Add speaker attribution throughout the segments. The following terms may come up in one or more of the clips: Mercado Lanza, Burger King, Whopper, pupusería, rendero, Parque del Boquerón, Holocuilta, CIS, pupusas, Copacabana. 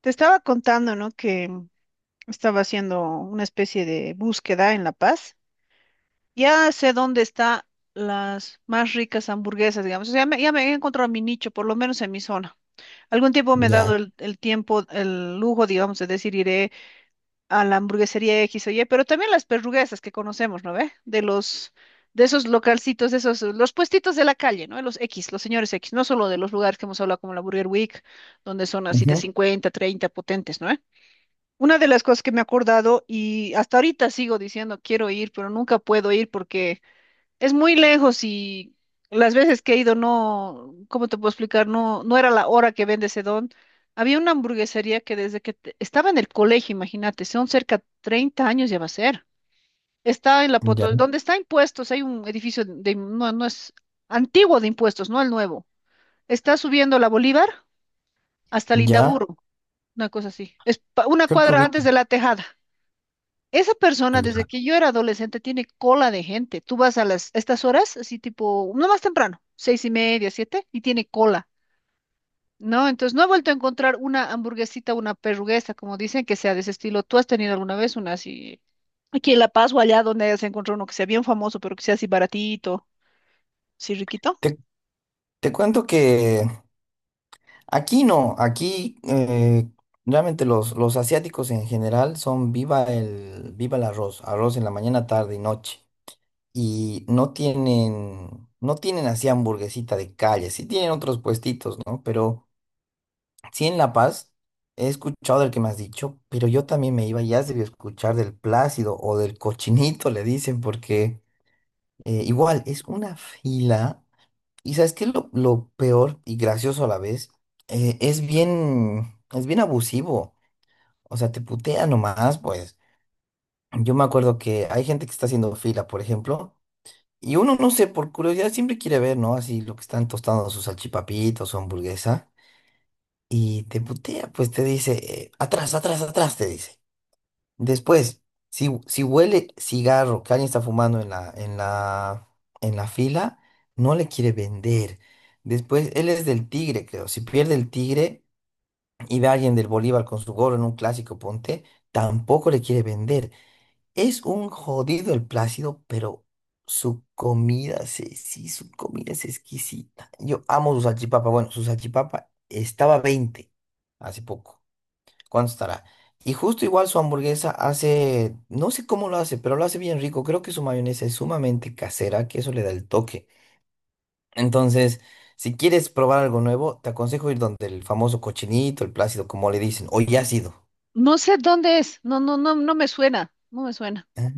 Speaker 1: Te estaba contando, ¿no? Que estaba haciendo una especie de búsqueda en La Paz. Ya sé dónde están las más ricas hamburguesas, digamos. O sea, ya me he encontrado mi nicho, por lo menos en mi zona. Algún tiempo me he
Speaker 2: Ya,
Speaker 1: dado el tiempo, el lujo, digamos, de decir iré a la hamburguesería X o Y, pero también las perruguesas que conocemos, ¿no ve? De esos localcitos, de esos, los puestitos de la calle, ¿no? Los X, los señores X, no solo de los lugares que hemos hablado como la Burger Week, donde son así de
Speaker 2: ujú,
Speaker 1: 50, 30 potentes, ¿no? Una de las cosas que me he acordado y hasta ahorita sigo diciendo quiero ir, pero nunca puedo ir porque es muy lejos y las veces que he ido no, ¿cómo te puedo explicar? No era la hora que vende ese don. Había una hamburguesería que desde estaba en el colegio, imagínate, son cerca 30 años ya va a ser. Está en la
Speaker 2: ya,
Speaker 1: Potosí, donde está impuestos, hay un edificio de, no es antiguo de impuestos, no el nuevo. Está subiendo la Bolívar hasta
Speaker 2: ya,
Speaker 1: Lindaburo, una cosa así. Es una
Speaker 2: creo que
Speaker 1: cuadra
Speaker 2: ubico,
Speaker 1: antes de la Tejada. Esa persona, desde
Speaker 2: ya.
Speaker 1: que yo era adolescente, tiene cola de gente. Tú vas a a estas horas, así tipo, no más temprano, seis y media, siete, y tiene cola, ¿no? Entonces, no he vuelto a encontrar una hamburguesita, una perruguesa, como dicen, que sea de ese estilo. ¿Tú has tenido alguna vez una así, aquí en La Paz o allá donde se encontrado uno que sea bien famoso, pero que sea así baratito, así riquito?
Speaker 2: Te, te cuento que aquí no, aquí realmente los asiáticos en general son viva el arroz, arroz en la mañana, tarde y noche. Y no tienen, no tienen así hamburguesita de calle, sí tienen otros puestitos, ¿no? Pero sí en La Paz he escuchado del que me has dicho, pero yo también me iba, ya has debido escuchar del Plácido o del Cochinito, le dicen, porque... igual, es una fila. Y sabes qué es lo peor y gracioso a la vez. Es bien, es bien abusivo. O sea, te putea nomás, pues. Yo me acuerdo que hay gente que está haciendo fila, por ejemplo, y uno, no sé, por curiosidad siempre quiere ver, ¿no? Así lo que están tostando sus salchipapitos, su hamburguesa. Y te putea, pues te dice, atrás, atrás, atrás, te dice. Después, si, si huele cigarro que alguien está fumando en en la fila, no le quiere vender. Después, él es del Tigre, creo. Si pierde el Tigre y ve a alguien del Bolívar con su gorro en un clásico ponte, tampoco le quiere vender. Es un jodido el Plácido, pero su comida, se- sí, su comida es exquisita. Yo amo su salchipapa. Bueno, su salchipapa estaba 20 hace poco. ¿Cuánto estará? Y justo igual su hamburguesa hace, no sé cómo lo hace, pero lo hace bien rico. Creo que su mayonesa es sumamente casera, que eso le da el toque. Entonces, si quieres probar algo nuevo, te aconsejo ir donde el famoso Cochinito, el Plácido, como le dicen, o ya ácido.
Speaker 1: No sé dónde es. No me suena. No me suena.
Speaker 2: Ah.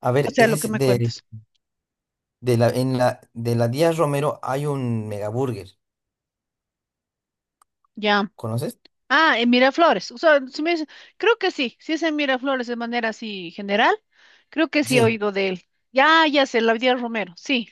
Speaker 2: A
Speaker 1: O
Speaker 2: ver,
Speaker 1: sea, lo que
Speaker 2: es
Speaker 1: me cuentas.
Speaker 2: en la Díaz Romero hay un Megaburger.
Speaker 1: Ya.
Speaker 2: ¿Conoces?
Speaker 1: Ah, en Miraflores. O sea, si me dice- creo que sí. Si es en Miraflores de manera así general, creo que sí he
Speaker 2: Sí.
Speaker 1: oído de él. Ya, ya sé, la vida Romero. Sí.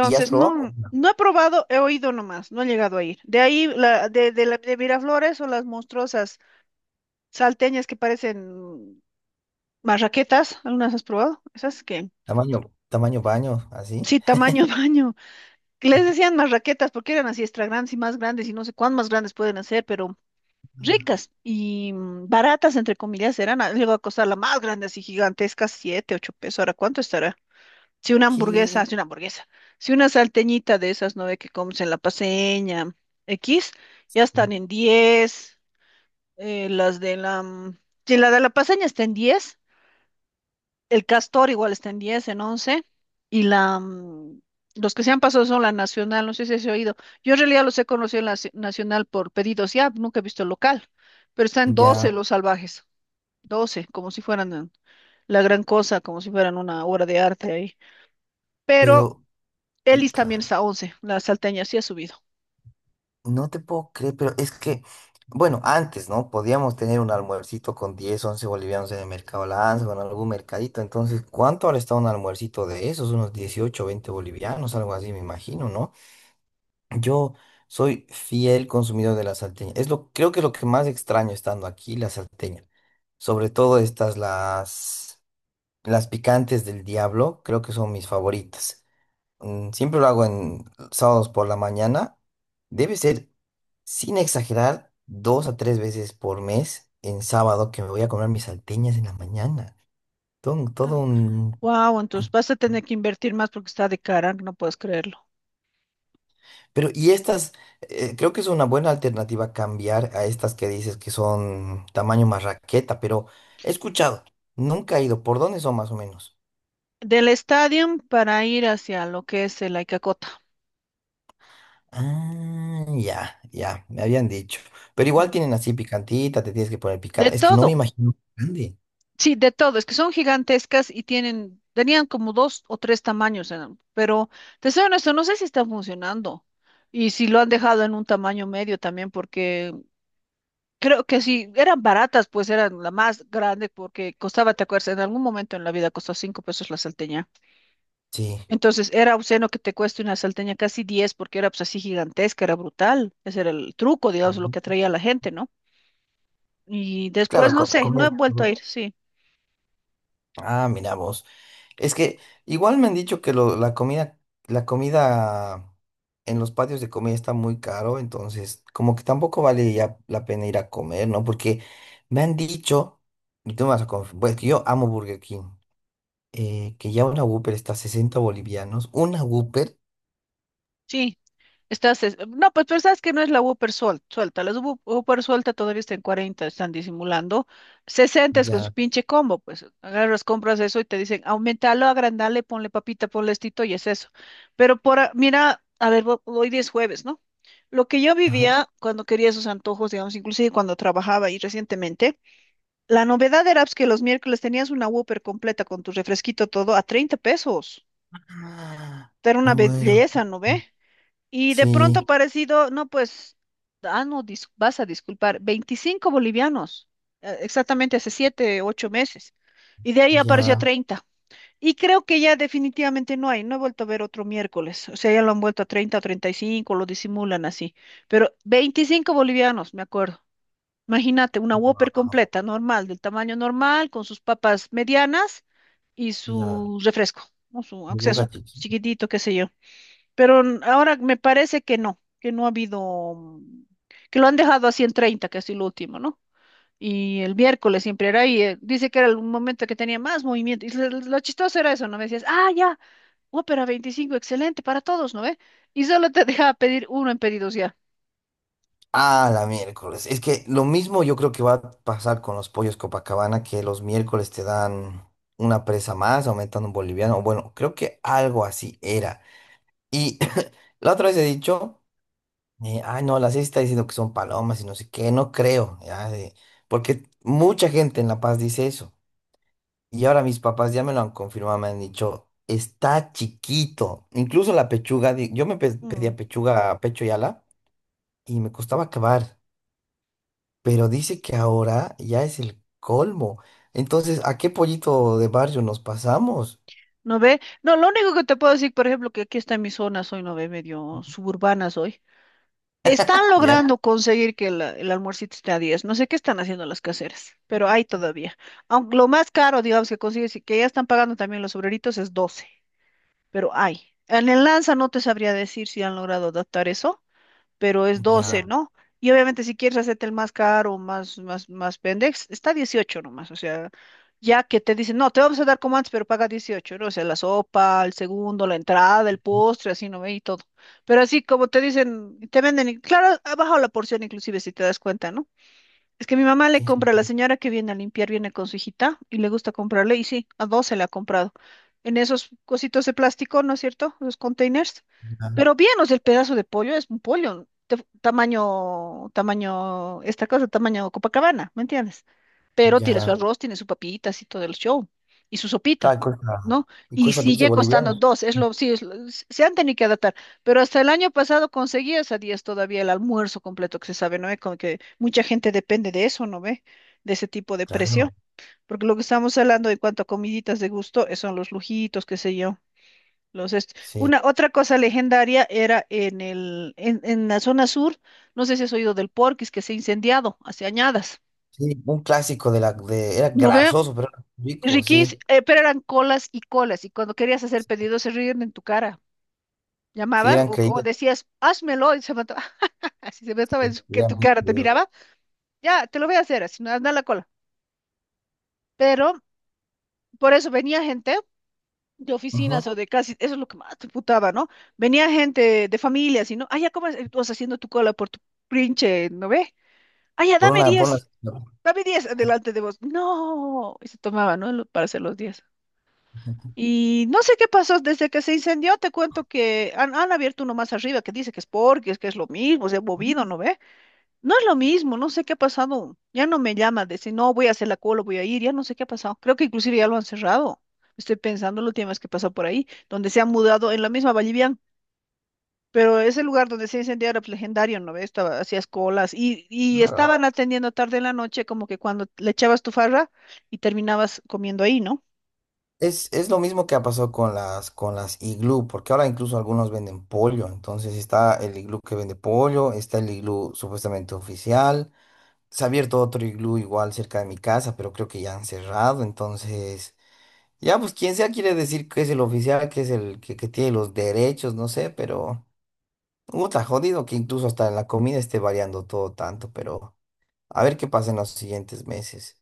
Speaker 2: ¿Y has probado? No.
Speaker 1: No he probado, he oído nomás, no he llegado a ir. De ahí, la, de, la- de Miraflores o las monstruosas salteñas que parecen marraquetas, ¿algunas has probado? Esas que,
Speaker 2: Tamaño, tamaño baño, así.
Speaker 1: sí, tamaño baño. Les decían más raquetas porque eran así extra grandes y más grandes y no sé cuán más grandes pueden hacer, pero
Speaker 2: Ah.
Speaker 1: ricas y baratas, entre comillas, eran. Llegó a costar la más grande, así gigantesca, siete, ocho pesos. Ahora, ¿cuánto estará? Si una
Speaker 2: ¿Qué?
Speaker 1: hamburguesa, si una hamburguesa, si una salteñita de esas, ¿no ve? Que comes en la Paseña, X, ya están en 10 las de la, mm, si la de la Paseña está en 10. El Castor igual está en 10, en once. Y la, mm, los que se han pasado son la Nacional, no sé si has oído. Yo en realidad los he conocido en Nacional por pedidos ya, nunca he visto el local. Pero están doce
Speaker 2: Ya,
Speaker 1: los salvajes, 12 como si fueran la gran cosa, como si fueran una obra de arte ahí. Pero
Speaker 2: pero...
Speaker 1: Elis también
Speaker 2: puta.
Speaker 1: está 11, la salteña sí ha subido.
Speaker 2: No te puedo creer, pero es que, bueno, antes, ¿no? Podíamos tener un almuercito con 10 11 bolivianos en el Mercado Lanza o en algún mercadito. Entonces, ¿cuánto ahora está un almuercito de esos? Unos 18 20 bolivianos, algo así, me imagino, ¿no? Yo soy fiel consumidor de la salteña. Es lo, creo que es lo que más extraño estando aquí, la salteña. Sobre todo estas, las picantes del diablo, creo que son mis favoritas. Siempre lo hago en sábados por la mañana. Debe ser, sin exagerar, dos a tres veces por mes en sábado que me voy a comer mis salteñas en la mañana. Todo un...
Speaker 1: Wow, entonces vas a tener que invertir más porque está de cara, no puedes creerlo.
Speaker 2: Pero, y estas, creo que es una buena alternativa cambiar a estas que dices que son tamaño más raqueta, pero he escuchado, nunca he ido. ¿Por dónde son más o menos?
Speaker 1: Del estadio para ir hacia lo que es el Aicacota.
Speaker 2: Ah, ya, ya, me habían dicho. Pero
Speaker 1: Mm.
Speaker 2: igual tienen así picantita, te tienes que poner
Speaker 1: De
Speaker 2: picante. Es que no me
Speaker 1: todo.
Speaker 2: imagino grande.
Speaker 1: Sí, de todo, es que son gigantescas y tenían como dos o tres tamaños, eran, pero te soy honesto, no sé si están funcionando y si lo han dejado en un tamaño medio también, porque creo que si eran baratas, pues eran la más grande, porque costaba, te acuerdas, en algún momento en la vida costó cinco pesos la salteña.
Speaker 2: Sí.
Speaker 1: Entonces era obsceno que te cueste una salteña casi diez, porque era pues así gigantesca, era brutal. Ese era el truco, digamos, lo que
Speaker 2: Ujú.
Speaker 1: atraía a la gente, ¿no? Y después,
Speaker 2: Claro,
Speaker 1: no
Speaker 2: co-
Speaker 1: sé, no
Speaker 2: comida.
Speaker 1: he vuelto a
Speaker 2: Ujú.
Speaker 1: ir, sí.
Speaker 2: Ah, mira vos. Es que igual me han dicho que lo- la comida en los patios de comida está muy caro, entonces como que tampoco vale ya la pena ir a comer, ¿no? Porque me han dicho, y tú me vas a confirmar, pues que yo amo Burger King, que ya una Whopper está a 60 bolivianos, una Whopper,
Speaker 1: Sí, Estás, no, pues, pero sabes que no es la suelta. Las Whopper suelta todavía está en 40, están disimulando. 60 es con su
Speaker 2: ya.
Speaker 1: pinche combo, pues agarras, compras eso y te dicen, aumentalo, agrandale, ponle papita, ponle estito y es eso. Pero mira, a ver, hoy día es jueves, ¿no? Lo que yo
Speaker 2: Ajá.
Speaker 1: vivía cuando quería esos antojos, digamos, inclusive cuando trabajaba y recientemente, la novedad era pues, que los miércoles tenías una Whopper completa con tu refresquito todo a 30 pesos.
Speaker 2: Ah,
Speaker 1: Era una
Speaker 2: me muero.
Speaker 1: belleza, ¿no ve? Y de pronto
Speaker 2: Sí,
Speaker 1: parecido, no, pues, ah, no, dis- vas a disculpar, 25 bolivianos, exactamente hace 7, 8 meses. Y de ahí apareció a Wow.
Speaker 2: ya,
Speaker 1: 30. Y creo que ya definitivamente no hay, no he vuelto a ver otro miércoles. O sea, ya lo han vuelto a 30 o 35, lo disimulan así. Pero 25 bolivianos, me acuerdo. Imagínate, una
Speaker 2: wow,
Speaker 1: Whopper completa, normal, del tamaño normal, con sus papas medianas y
Speaker 2: ya.
Speaker 1: su refresco, ¿no? Su,
Speaker 2: Mi
Speaker 1: aunque sea
Speaker 2: boca.
Speaker 1: su chiquitito, qué sé yo. Pero ahora me parece que no ha habido, que lo han dejado a ciento treinta que es lo último, ¿no? Y el miércoles siempre era ahí, dice que era el momento que tenía más movimiento. Y lo chistoso era eso, ¿no? Me decías, ah, ya, Ópera 25 excelente para todos, ¿no ve? Y solo te dejaba pedir uno en pedidos ya.
Speaker 2: Ah, la miércoles. Es que lo mismo yo creo que va a pasar con los pollos Copacabana, que los miércoles te dan una presa más, aumentando un boliviano. Bueno, creo que algo así era. Y la otra vez he dicho, ay no, la CIS está diciendo que son palomas y no sé qué, no creo, ya, de- porque mucha gente en La Paz dice eso. Y ahora mis papás ya me lo han confirmado, me han dicho, está chiquito. Incluso la pechuga, di- yo me pe-
Speaker 1: Mm.
Speaker 2: pedía pechuga, pecho y ala, y me costaba acabar. Pero dice que ahora ya es el colmo. Entonces, ¿a qué pollito de barrio nos pasamos?
Speaker 1: ¿No ve? No, lo único que te puedo decir, por ejemplo, que aquí está en mi zona, soy, ¿no ve? Medio suburbana soy. Están
Speaker 2: Ya,
Speaker 1: logrando conseguir que el almuercito esté a 10. No sé qué están haciendo las caseras, pero hay todavía. Aunque lo más caro, digamos, que consigues y que ya están pagando también los obreritos es doce, pero hay. En el Lanza no te sabría decir si han logrado adaptar eso, pero es
Speaker 2: ya,
Speaker 1: doce, ya, ¿no? Y obviamente si quieres hacerte el más caro, más pendex, está 18 nomás, o sea, ya que te dicen, no, te vamos a dar como antes, pero paga 18, ¿no? O sea, la sopa, el segundo, la entrada, el postre, así, ¿no ve? Y todo. Pero así como te dicen, te venden, claro, ha bajado la porción inclusive si te das cuenta, ¿no? Es que mi mamá le
Speaker 2: es-
Speaker 1: compra, la señora que viene a limpiar viene con su hijita y le gusta comprarle, y sí, a dos se le ha comprado. En esos cositos de plástico, ¿no es cierto? Los containers.
Speaker 2: ya,
Speaker 1: Pero bien, o sea, el pedazo de pollo es un pollo, tamaño, esta cosa, tamaño Copacabana, ¿me entiendes? Pero tiene su
Speaker 2: ya.
Speaker 1: arroz, tiene su papitas y todo el show, y su sopita,
Speaker 2: Claro,
Speaker 1: ¿no?
Speaker 2: y
Speaker 1: Y
Speaker 2: cuesta 12
Speaker 1: sigue costando
Speaker 2: bolivianos.
Speaker 1: dos, es lo, sí, es lo- s- se han tenido que adaptar, pero hasta el año pasado conseguías a 10 todavía el almuerzo completo que se sabe, ¿no ve? Como que mucha gente depende de eso, ¿no ve? De ese tipo de precio,
Speaker 2: Claro,
Speaker 1: porque lo que estamos hablando en cuanto a comiditas de gusto son los lujitos, qué sé yo.
Speaker 2: sí.
Speaker 1: Una otra cosa legendaria era en la zona sur, no sé si has oído del Porquis que se ha incendiado hace añadas.
Speaker 2: Sí, un clásico de la, de, era
Speaker 1: ¿No ve?
Speaker 2: grasoso, pero era rico,
Speaker 1: Riquís,
Speaker 2: sí.
Speaker 1: pero eran colas y colas, y cuando querías hacer pedidos se ríen en tu cara.
Speaker 2: Sí,
Speaker 1: Llamabas
Speaker 2: eran
Speaker 1: o
Speaker 2: creídos,
Speaker 1: decías, házmelo, y se mató, así se mataba
Speaker 2: sí,
Speaker 1: que
Speaker 2: eran
Speaker 1: tu
Speaker 2: bien
Speaker 1: cara te
Speaker 2: creídos.
Speaker 1: miraba, ya, te lo voy a hacer, así no, anda a la cola. Pero por eso venía gente de
Speaker 2: Ujú.
Speaker 1: oficinas o de casi, eso es lo que más te putaba, ¿no? Venía gente de familias y no, ah, ya, ¿cómo estás haciendo tu cola por tu pinche, no ve? Ah, ya,
Speaker 2: Por una, por una.
Speaker 1: dame 10 adelante de vos. No, y se tomaba, ¿no? Lo- Para hacer los 10. Y no sé qué pasó desde que se incendió, te cuento que han abierto uno más arriba que dice que es porque es que es lo mismo, se ha movido, ¿no ve? No es lo mismo, no sé qué ha pasado. Ya no me llama de decir, no, voy a hacer la cola, voy a ir, ya no sé qué ha pasado. Creo que inclusive ya lo han cerrado. Estoy pensando la última vez que pasó por ahí, donde se han mudado en la misma Vallivian, pero ese lugar donde se incendió era pues, legendario, ¿no ve? Estaba, hacías colas y
Speaker 2: Claro.
Speaker 1: estaban atendiendo tarde en la noche, como que cuando le echabas tu farra y terminabas comiendo ahí, ¿no?
Speaker 2: Es lo mismo que ha pasado con las iglú, porque ahora incluso algunos venden pollo. Entonces está el iglú que vende pollo, está el iglú supuestamente oficial. Se ha abierto otro iglú igual cerca de mi casa, pero creo que ya han cerrado. Entonces, ya pues quien sea quiere decir que es el oficial, que es el que tiene los derechos, no sé, pero está jodido que incluso hasta en la comida esté variando todo tanto, pero a ver qué pasa en los siguientes meses.